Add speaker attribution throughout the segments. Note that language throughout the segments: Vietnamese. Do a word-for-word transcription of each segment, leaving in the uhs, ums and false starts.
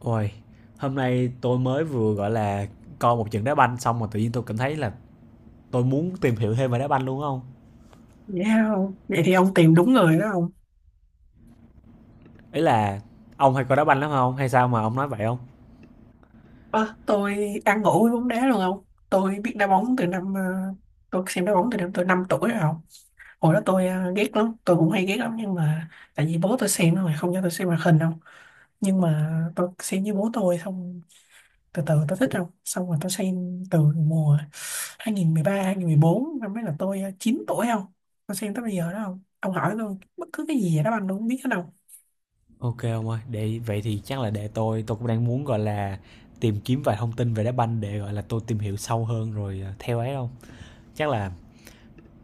Speaker 1: Ôi, hôm nay tôi mới vừa, gọi là, coi một trận đá banh xong mà tự nhiên tôi cảm thấy là tôi muốn tìm hiểu thêm về đá banh luôn không ông?
Speaker 2: Vậy hả ông? Vậy thì ông tìm đúng người đó không?
Speaker 1: Ý là ông hay coi đá banh lắm không? Hay sao mà ông nói vậy không?
Speaker 2: Ơ, tôi ăn ngủ với bóng đá luôn không? Tôi biết đá bóng từ năm, ờ, tôi xem đá bóng từ năm tôi năm tuổi rồi không? Hồi đó tôi ờ, ghét lắm, tôi cũng hay ghét lắm nhưng mà. Tại vì bố tôi xem rồi, không cho tôi xem màn hình đâu. Nhưng mà tôi xem với bố tôi xong, từ từ tôi thích không? Xong rồi tôi xem từ mùa hai không một ba, hai không một bốn năm ấy là tôi ờ, chín tuổi không? Tôi xem tới bây giờ đó không? Ông hỏi tôi bất cứ cái gì vậy đó anh cũng biết hết không?
Speaker 1: OK ông ơi, để vậy thì chắc là để tôi tôi cũng đang muốn, gọi là, tìm kiếm vài thông tin về đá banh để, gọi là, tôi tìm hiểu sâu hơn rồi, ờ, theo ấy không? Chắc là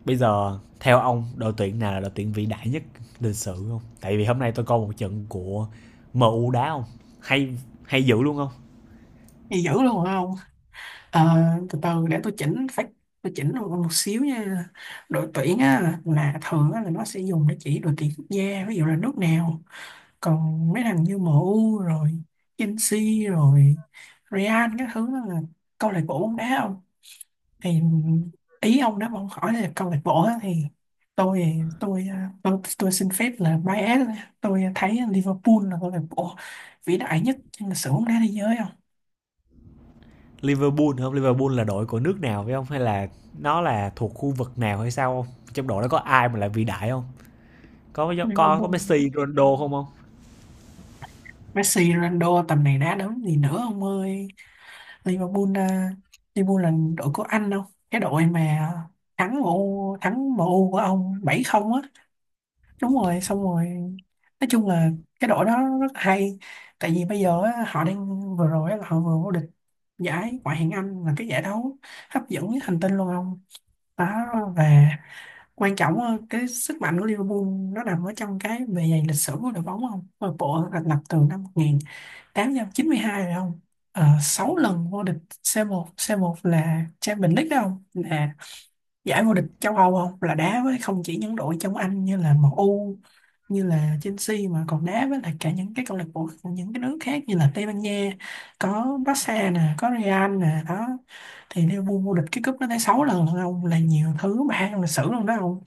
Speaker 1: bây giờ theo ông đội tuyển nào là đội tuyển vĩ đại nhất lịch sử không? Tại vì hôm nay tôi coi một trận của em u đá không, hay hay dữ luôn không?
Speaker 2: Gì dữ luôn hả ông? Ờ, từ từ để tôi chỉnh phát, tôi chỉnh một, một xíu nha. Đội tuyển á, là thường á, là nó sẽ dùng để chỉ đội tuyển quốc gia, ví dụ là nước nào. Còn mấy thằng như em u rồi Chelsea rồi Real các thứ đó là câu lạc bộ bóng đá không. Thì ý ông đó mà ông hỏi là câu lạc bộ á, thì tôi tôi ờ, tôi tôi xin phép là bias, tôi thấy Liverpool là câu lạc bộ vĩ đại nhất trong lịch sử bóng đá thế giới không.
Speaker 1: Liverpool không? Liverpool là đội của nước nào phải không? Hay là nó là thuộc khu vực nào hay sao không? Trong đội đó có ai mà là vĩ đại không? Có có có
Speaker 2: Liverpool.
Speaker 1: Messi, Ronaldo không không?
Speaker 2: Messi, Ronaldo tầm này đá đấm gì nữa ông ơi. Liverpool, à, Liverpool là đội của anh đâu. Cái đội mà thắng em u, thắng em U của ông bảy không á. Đúng rồi, xong rồi. Nói chung là cái đội đó rất hay. Tại vì bây giờ á, họ đang vừa rồi á, là họ vừa vô địch giải Ngoại hạng Anh là cái giải đấu hấp dẫn nhất hành tinh luôn ông. Đó, và quan trọng á, cái sức mạnh của Liverpool nó nằm ở trong cái bề dày lịch sử của đội bóng không? Đội bộ thành lập từ năm tám trăm chín mươi hai rồi không, à, sáu lần vô địch c một, c một là Champions League đó không, là giải vô địch châu Âu không, là đá với không chỉ những đội trong Anh như là em u như là Chelsea mà còn đá với lại cả những cái câu lạc bộ của những cái nước khác như là Tây Ban Nha, có Barca nè có Real nè đó. Thì Liverpool vô địch cái cúp nó tới sáu lần luôn không, là nhiều thứ mà trong lịch sử luôn đó không.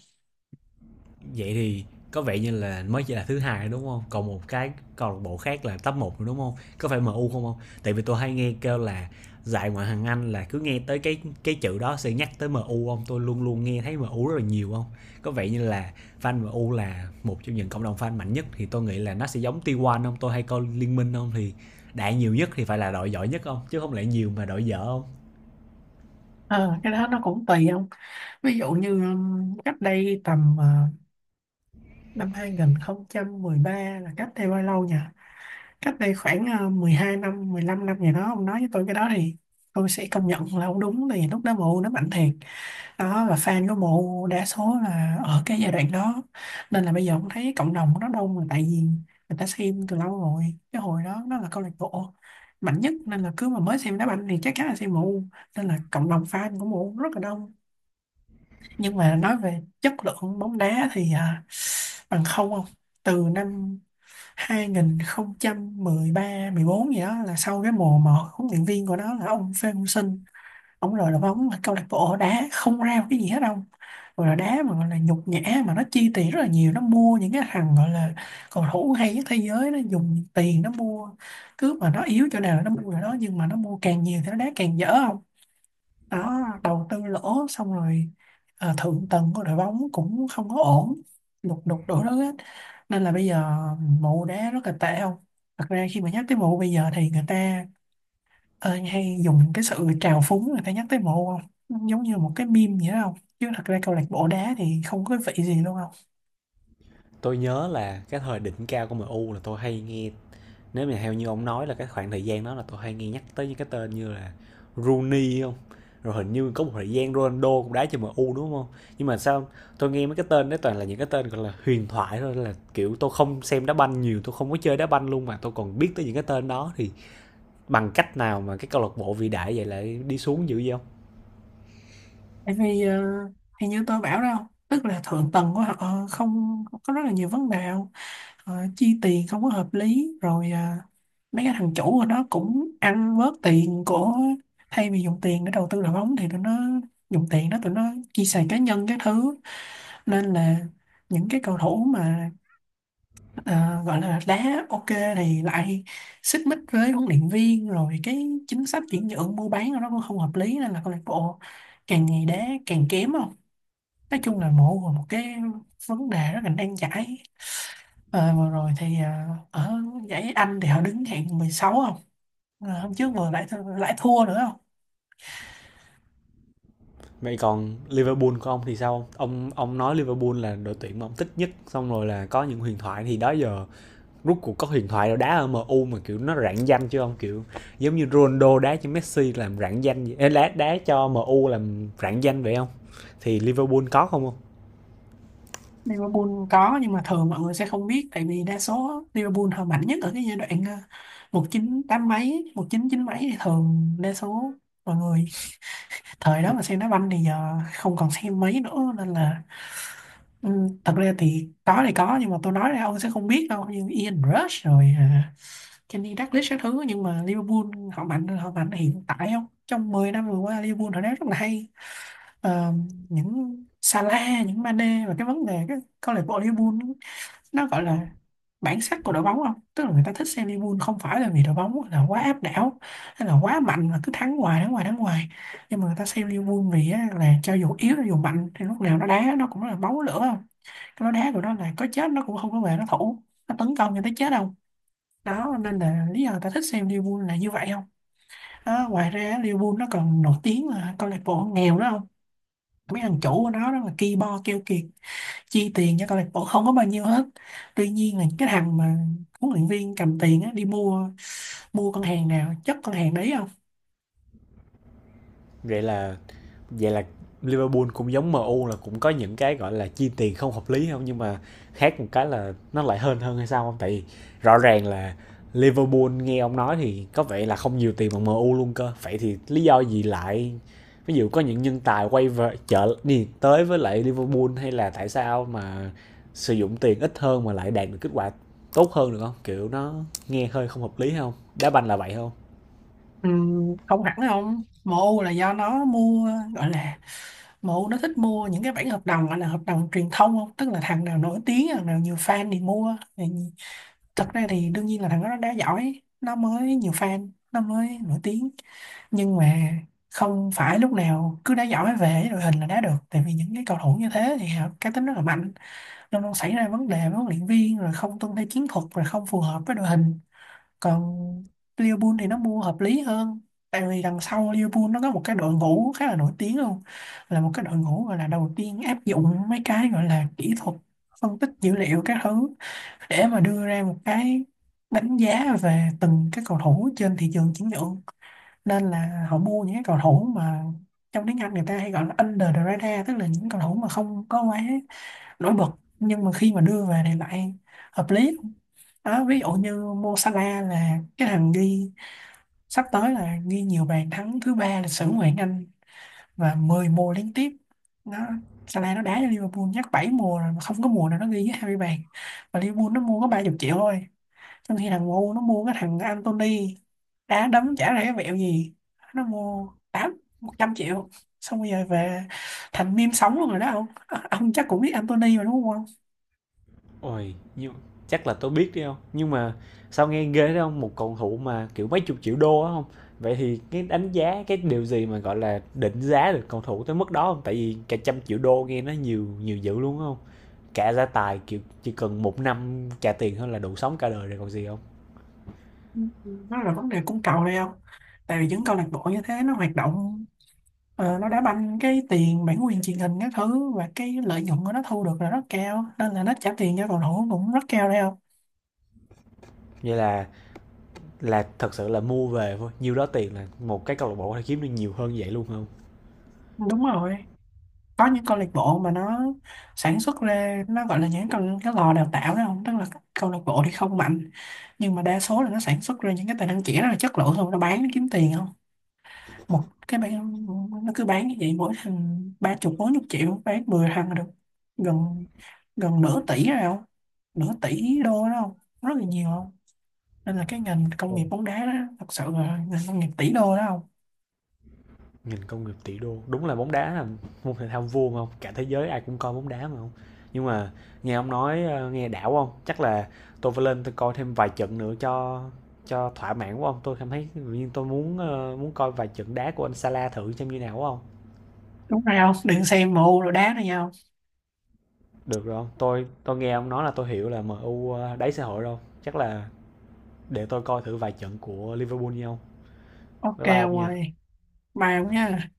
Speaker 1: Vậy thì có vẻ như là mới chỉ là thứ hai đúng không? Còn một cái câu lạc bộ khác là top một đúng không? Có phải em u không hông? Tại vì tôi hay nghe kêu là dạy ngoại hạng Anh là cứ nghe tới cái cái chữ đó sẽ nhắc tới em u hông? Tôi luôn luôn nghe thấy em u rất là nhiều không? Có vẻ như là fan em u là một trong những cộng đồng fan mạnh nhất thì tôi nghĩ là nó sẽ giống tê một hông? Tôi hay coi Liên Minh không? Thì đại nhiều nhất thì phải là đội giỏi nhất không? Chứ không lẽ nhiều mà đội dở không?
Speaker 2: Ờ, cái đó nó cũng tùy không. Ví dụ như um, cách đây tầm ờ, Năm hai không một ba là cách đây bao lâu nhỉ? Cách đây khoảng ờ, mười hai năm, mười lăm năm gì đó. Ông nói với tôi cái đó thì tôi sẽ công nhận là ông đúng. Tại vì lúc đó mụ nó mạnh thiệt. Đó, và fan của mụ đa số là ở cái giai đoạn đó. Nên là bây giờ ông thấy cộng đồng nó đông là tại vì người ta xem từ lâu rồi. Cái hồi đó nó là câu lạc bộ mạnh nhất. Nên là cứ mà mới xem đá banh thì chắc chắn là xem mụ. Nên là cộng đồng fan của mụ rất là đông. Nhưng mà nói về chất lượng bóng đá thì à, bằng không không? Từ năm hai không một ba không một bốn gì đó là sau cái mùa mà huấn luyện viên của nó là ông Phan Hữu Sinh, ông lười đội bóng mà câu lạc bộ đá không ra một cái gì hết đâu, rồi là đá mà gọi là nhục nhã, mà nó chi tiền rất là nhiều, nó mua những cái thằng gọi là cầu thủ hay nhất thế giới, nó dùng tiền nó mua, cứ mà nó yếu chỗ nào là nó mua chỗ đó nhưng mà nó mua càng nhiều thì nó đá càng dở. Đó, đầu tư lỗ xong rồi ờ, thượng tầng của đội bóng cũng không có ổn, lục đục đổ đó hết, nên là bây giờ mụ đá rất là tệ không. Thật ra khi mà nhắc tới mụ bây giờ thì người ta ờ, hay dùng cái sự trào phúng, người ta nhắc tới mụ không. Nó giống như một cái meme vậy đó không, chứ thật ra câu lạc bộ đá thì không có vị gì luôn không.
Speaker 1: Tôi nhớ là cái thời đỉnh cao của em u là tôi hay nghe, nếu mà theo như ông nói là cái khoảng thời gian đó, là tôi hay nghe nhắc tới những cái tên như là Rooney không, rồi hình như có một thời gian Ronaldo cũng đá cho em U đúng không, nhưng mà sao tôi nghe mấy cái tên đấy toàn là những cái tên gọi là huyền thoại thôi, là kiểu tôi không xem đá banh nhiều, tôi không có chơi đá banh luôn mà tôi còn biết tới những cái tên đó, thì bằng cách nào mà cái câu lạc bộ vĩ đại vậy lại đi xuống dữ vậy không?
Speaker 2: Tại vì ờ, thì như tôi bảo đó không, tức là thượng tầng của họ ờ, không có, rất là nhiều vấn đề. Ờ, chi tiền không có hợp lý rồi, à, mấy cái thằng chủ của nó cũng ăn bớt tiền của, thay vì dùng tiền để đầu tư đội bóng thì tụi nó dùng tiền đó tụi nó chi xài cá nhân các thứ. Nên là những cái cầu thủ mà ờ, gọi là đá ok thì lại xích mích với huấn luyện viên, rồi cái chính sách chuyển nhượng mua bán của nó cũng không hợp lý, nên là câu lạc bộ càng ngày đá càng kém không. Nói chung là mộ một cái vấn đề rất là nan giải. Ờ, vừa rồi thì à, ở giải Anh thì họ đứng hạng mười sáu không? Ờ, hôm trước vừa lại th- lại thua nữa không?
Speaker 1: Vậy còn Liverpool của ông thì sao ông ông nói Liverpool là đội tuyển mà ông thích nhất, xong rồi là có những huyền thoại, thì đó giờ rút cuộc có huyền thoại nào đá ở em u mà kiểu nó rạng danh chứ không kiểu giống như Ronaldo đá cho Messi làm rạng danh, đá đá cho em u làm rạng danh vậy không? Thì Liverpool có không không?
Speaker 2: Liverpool có, nhưng mà thường mọi người sẽ không biết tại vì đa số Liverpool họ mạnh nhất ở cái giai đoạn ờ, một chín tám mấy, một chín chín mấy, thì thường đa số mọi người thời đó mà xem đá banh thì giờ không còn xem mấy nữa, nên là ừ, thật ra thì có thì có, nhưng mà tôi nói ra ông sẽ không biết đâu, như Ian Rush rồi ờ, Kenny Dalglish các thứ. Nhưng mà Liverpool họ mạnh họ mạnh hiện tại không, trong mười năm vừa qua Liverpool họ đá rất là hay. Ờ, những Salah, những Mane, và cái vấn đề cái câu lạc bộ Liverpool nó gọi là bản sắc của đội bóng không, tức là người ta thích xem Liverpool không phải là vì đội bóng là quá áp đảo hay là quá mạnh mà cứ thắng hoài thắng hoài thắng hoài, nhưng mà người ta xem Liverpool vì á, là cho dù yếu cho dù mạnh thì lúc nào nó đá nó cũng là máu lửa không. Cái nó đá của nó là có chết nó cũng không có về nó thủ, nó tấn công cho tới chết đâu. Đó, nên là lý do ta thích xem Liverpool là như vậy không. Đó, ngoài ra Liverpool nó còn nổi tiếng là câu lạc bộ nghèo đó không, mấy thằng chủ của nó đó là ki bo keo kiệt, chi tiền cho câu lạc bộ không có bao nhiêu hết. Tuy nhiên là cái thằng mà huấn luyện viên cầm tiền á đi mua mua con hàng nào chất con hàng đấy không.
Speaker 1: Vậy là vậy là Liverpool cũng giống em u là cũng có những cái gọi là chi tiền không hợp lý không, nhưng mà khác một cái là nó lại hơn hơn hay sao không? Tại vì rõ ràng là Liverpool nghe ông nói thì có vẻ là không nhiều tiền bằng em u luôn cơ. Vậy thì lý do gì lại ví dụ có những nhân tài quay về chợ đi tới với lại Liverpool, hay là tại sao mà sử dụng tiền ít hơn mà lại đạt được kết quả tốt hơn được không? Kiểu nó nghe hơi không hợp lý không? Đá banh là vậy không?
Speaker 2: Ừm, không hẳn không, em u là do nó mua, gọi là, em u nó thích mua những cái bản hợp đồng gọi là hợp đồng truyền thông không, tức là thằng nào nổi tiếng thằng nào nhiều fan thì mua. Thật ra thì đương nhiên là thằng đó nó đá giỏi nó mới nhiều fan nó mới nổi tiếng, nhưng mà không phải lúc nào cứ đá giỏi về đội hình là đá được, tại vì những cái cầu thủ như thế thì họ cá tính rất là mạnh, luôn luôn xảy ra vấn đề với huấn luyện viên, rồi không tuân theo chiến thuật, rồi không phù hợp với đội hình. Còn Liverpool thì nó mua hợp lý hơn, tại vì đằng sau Liverpool nó có một cái đội ngũ khá là nổi tiếng luôn, là một cái đội ngũ gọi là đầu tiên áp dụng mấy cái gọi là kỹ thuật phân tích dữ liệu các thứ, để mà đưa ra một cái đánh giá về từng cái cầu thủ trên thị trường chuyển nhượng. Nên là họ mua những cái cầu thủ mà trong tiếng Anh người ta hay gọi là under the radar, tức là những cầu thủ mà không có quá nổi bật nhưng mà khi mà đưa về thì lại hợp lý. Đó, ví dụ như Mo Salah là cái thằng ghi, sắp tới là ghi nhiều bàn thắng thứ ba lịch sử ngoại hạng Anh, và mười mùa liên tiếp nó, Salah nó đá cho Liverpool nhắc bảy mùa rồi mà không có mùa nào nó ghi dưới hai mươi bàn. Và Liverpool nó mua có ba chục triệu thôi, trong khi thằng ngu nó mua cái thằng Anthony đá đấm chả ra cái vẹo gì, nó mua tám một trăm triệu, xong bây giờ về thành meme sống luôn rồi đó ông. Ờ, ông chắc cũng biết Anthony mà đúng không.
Speaker 1: Ôi, nhưng chắc là tôi biết đấy không. Nhưng mà sao nghe ghê thế không? Một cầu thủ mà, kiểu, mấy chục triệu đô á hông? Vậy thì cái đánh giá cái điều gì mà, gọi là, định giá được cầu thủ tới mức đó không? Tại vì cả trăm triệu đô nghe nó nhiều nhiều dữ luôn á hông? Cả gia tài, kiểu, chỉ cần một năm trả tiền thôi là đủ sống cả đời rồi còn gì không?
Speaker 2: Nó là vấn đề cung cầu đây không, tại vì những câu lạc bộ như thế nó hoạt động, ờ, nó đá banh cái tiền bản quyền truyền hình các thứ và cái lợi nhuận của nó thu được là rất cao nên là nó trả tiền cho cầu thủ cũng rất cao đây không.
Speaker 1: Vậy là là thật sự là mua về thôi, nhiêu đó tiền là một cái câu lạc bộ có thể kiếm được nhiều hơn vậy luôn không?
Speaker 2: Đúng rồi, có những câu lạc bộ mà nó sản xuất ra, nó gọi là những câu cái lò đào tạo đó không, tức là các câu lạc bộ thì không mạnh nhưng mà đa số là nó sản xuất ra những cái tài năng trẻ rất là chất lượng xong nó bán nó kiếm tiền không. Một cái bán nó cứ bán như vậy, mỗi thằng ba chục bốn chục triệu, bán mười thằng là được gần gần nửa tỷ rồi không, nửa tỷ đô đó không, rất là nhiều không. Nên là cái ngành công nghiệp bóng đá đó thật sự là ngành công nghiệp tỷ đô đó không.
Speaker 1: Nghìn công nghiệp tỷ đô, đúng là bóng đá là môn thể thao vua mà không, cả thế giới ai cũng coi bóng đá mà không? Nhưng mà nghe ông nói ờ, nghe đảo không, chắc là tôi phải lên tôi coi thêm vài trận nữa cho cho thỏa mãn của ông tôi cảm thấy, nhưng tôi muốn ờ, muốn coi vài trận đá của anh Salah thử xem như nào không?
Speaker 2: Đúng rồi không, đừng xem mù rồi đá nữa nhau.
Speaker 1: Được rồi không, tôi tôi nghe ông nói là tôi hiểu là MU u ờ, đáy xã hội rồi, chắc là để tôi coi thử vài trận của Liverpool nhau.
Speaker 2: Ok
Speaker 1: Bye bye ông
Speaker 2: ông
Speaker 1: nha.
Speaker 2: ơi, mai ông nha.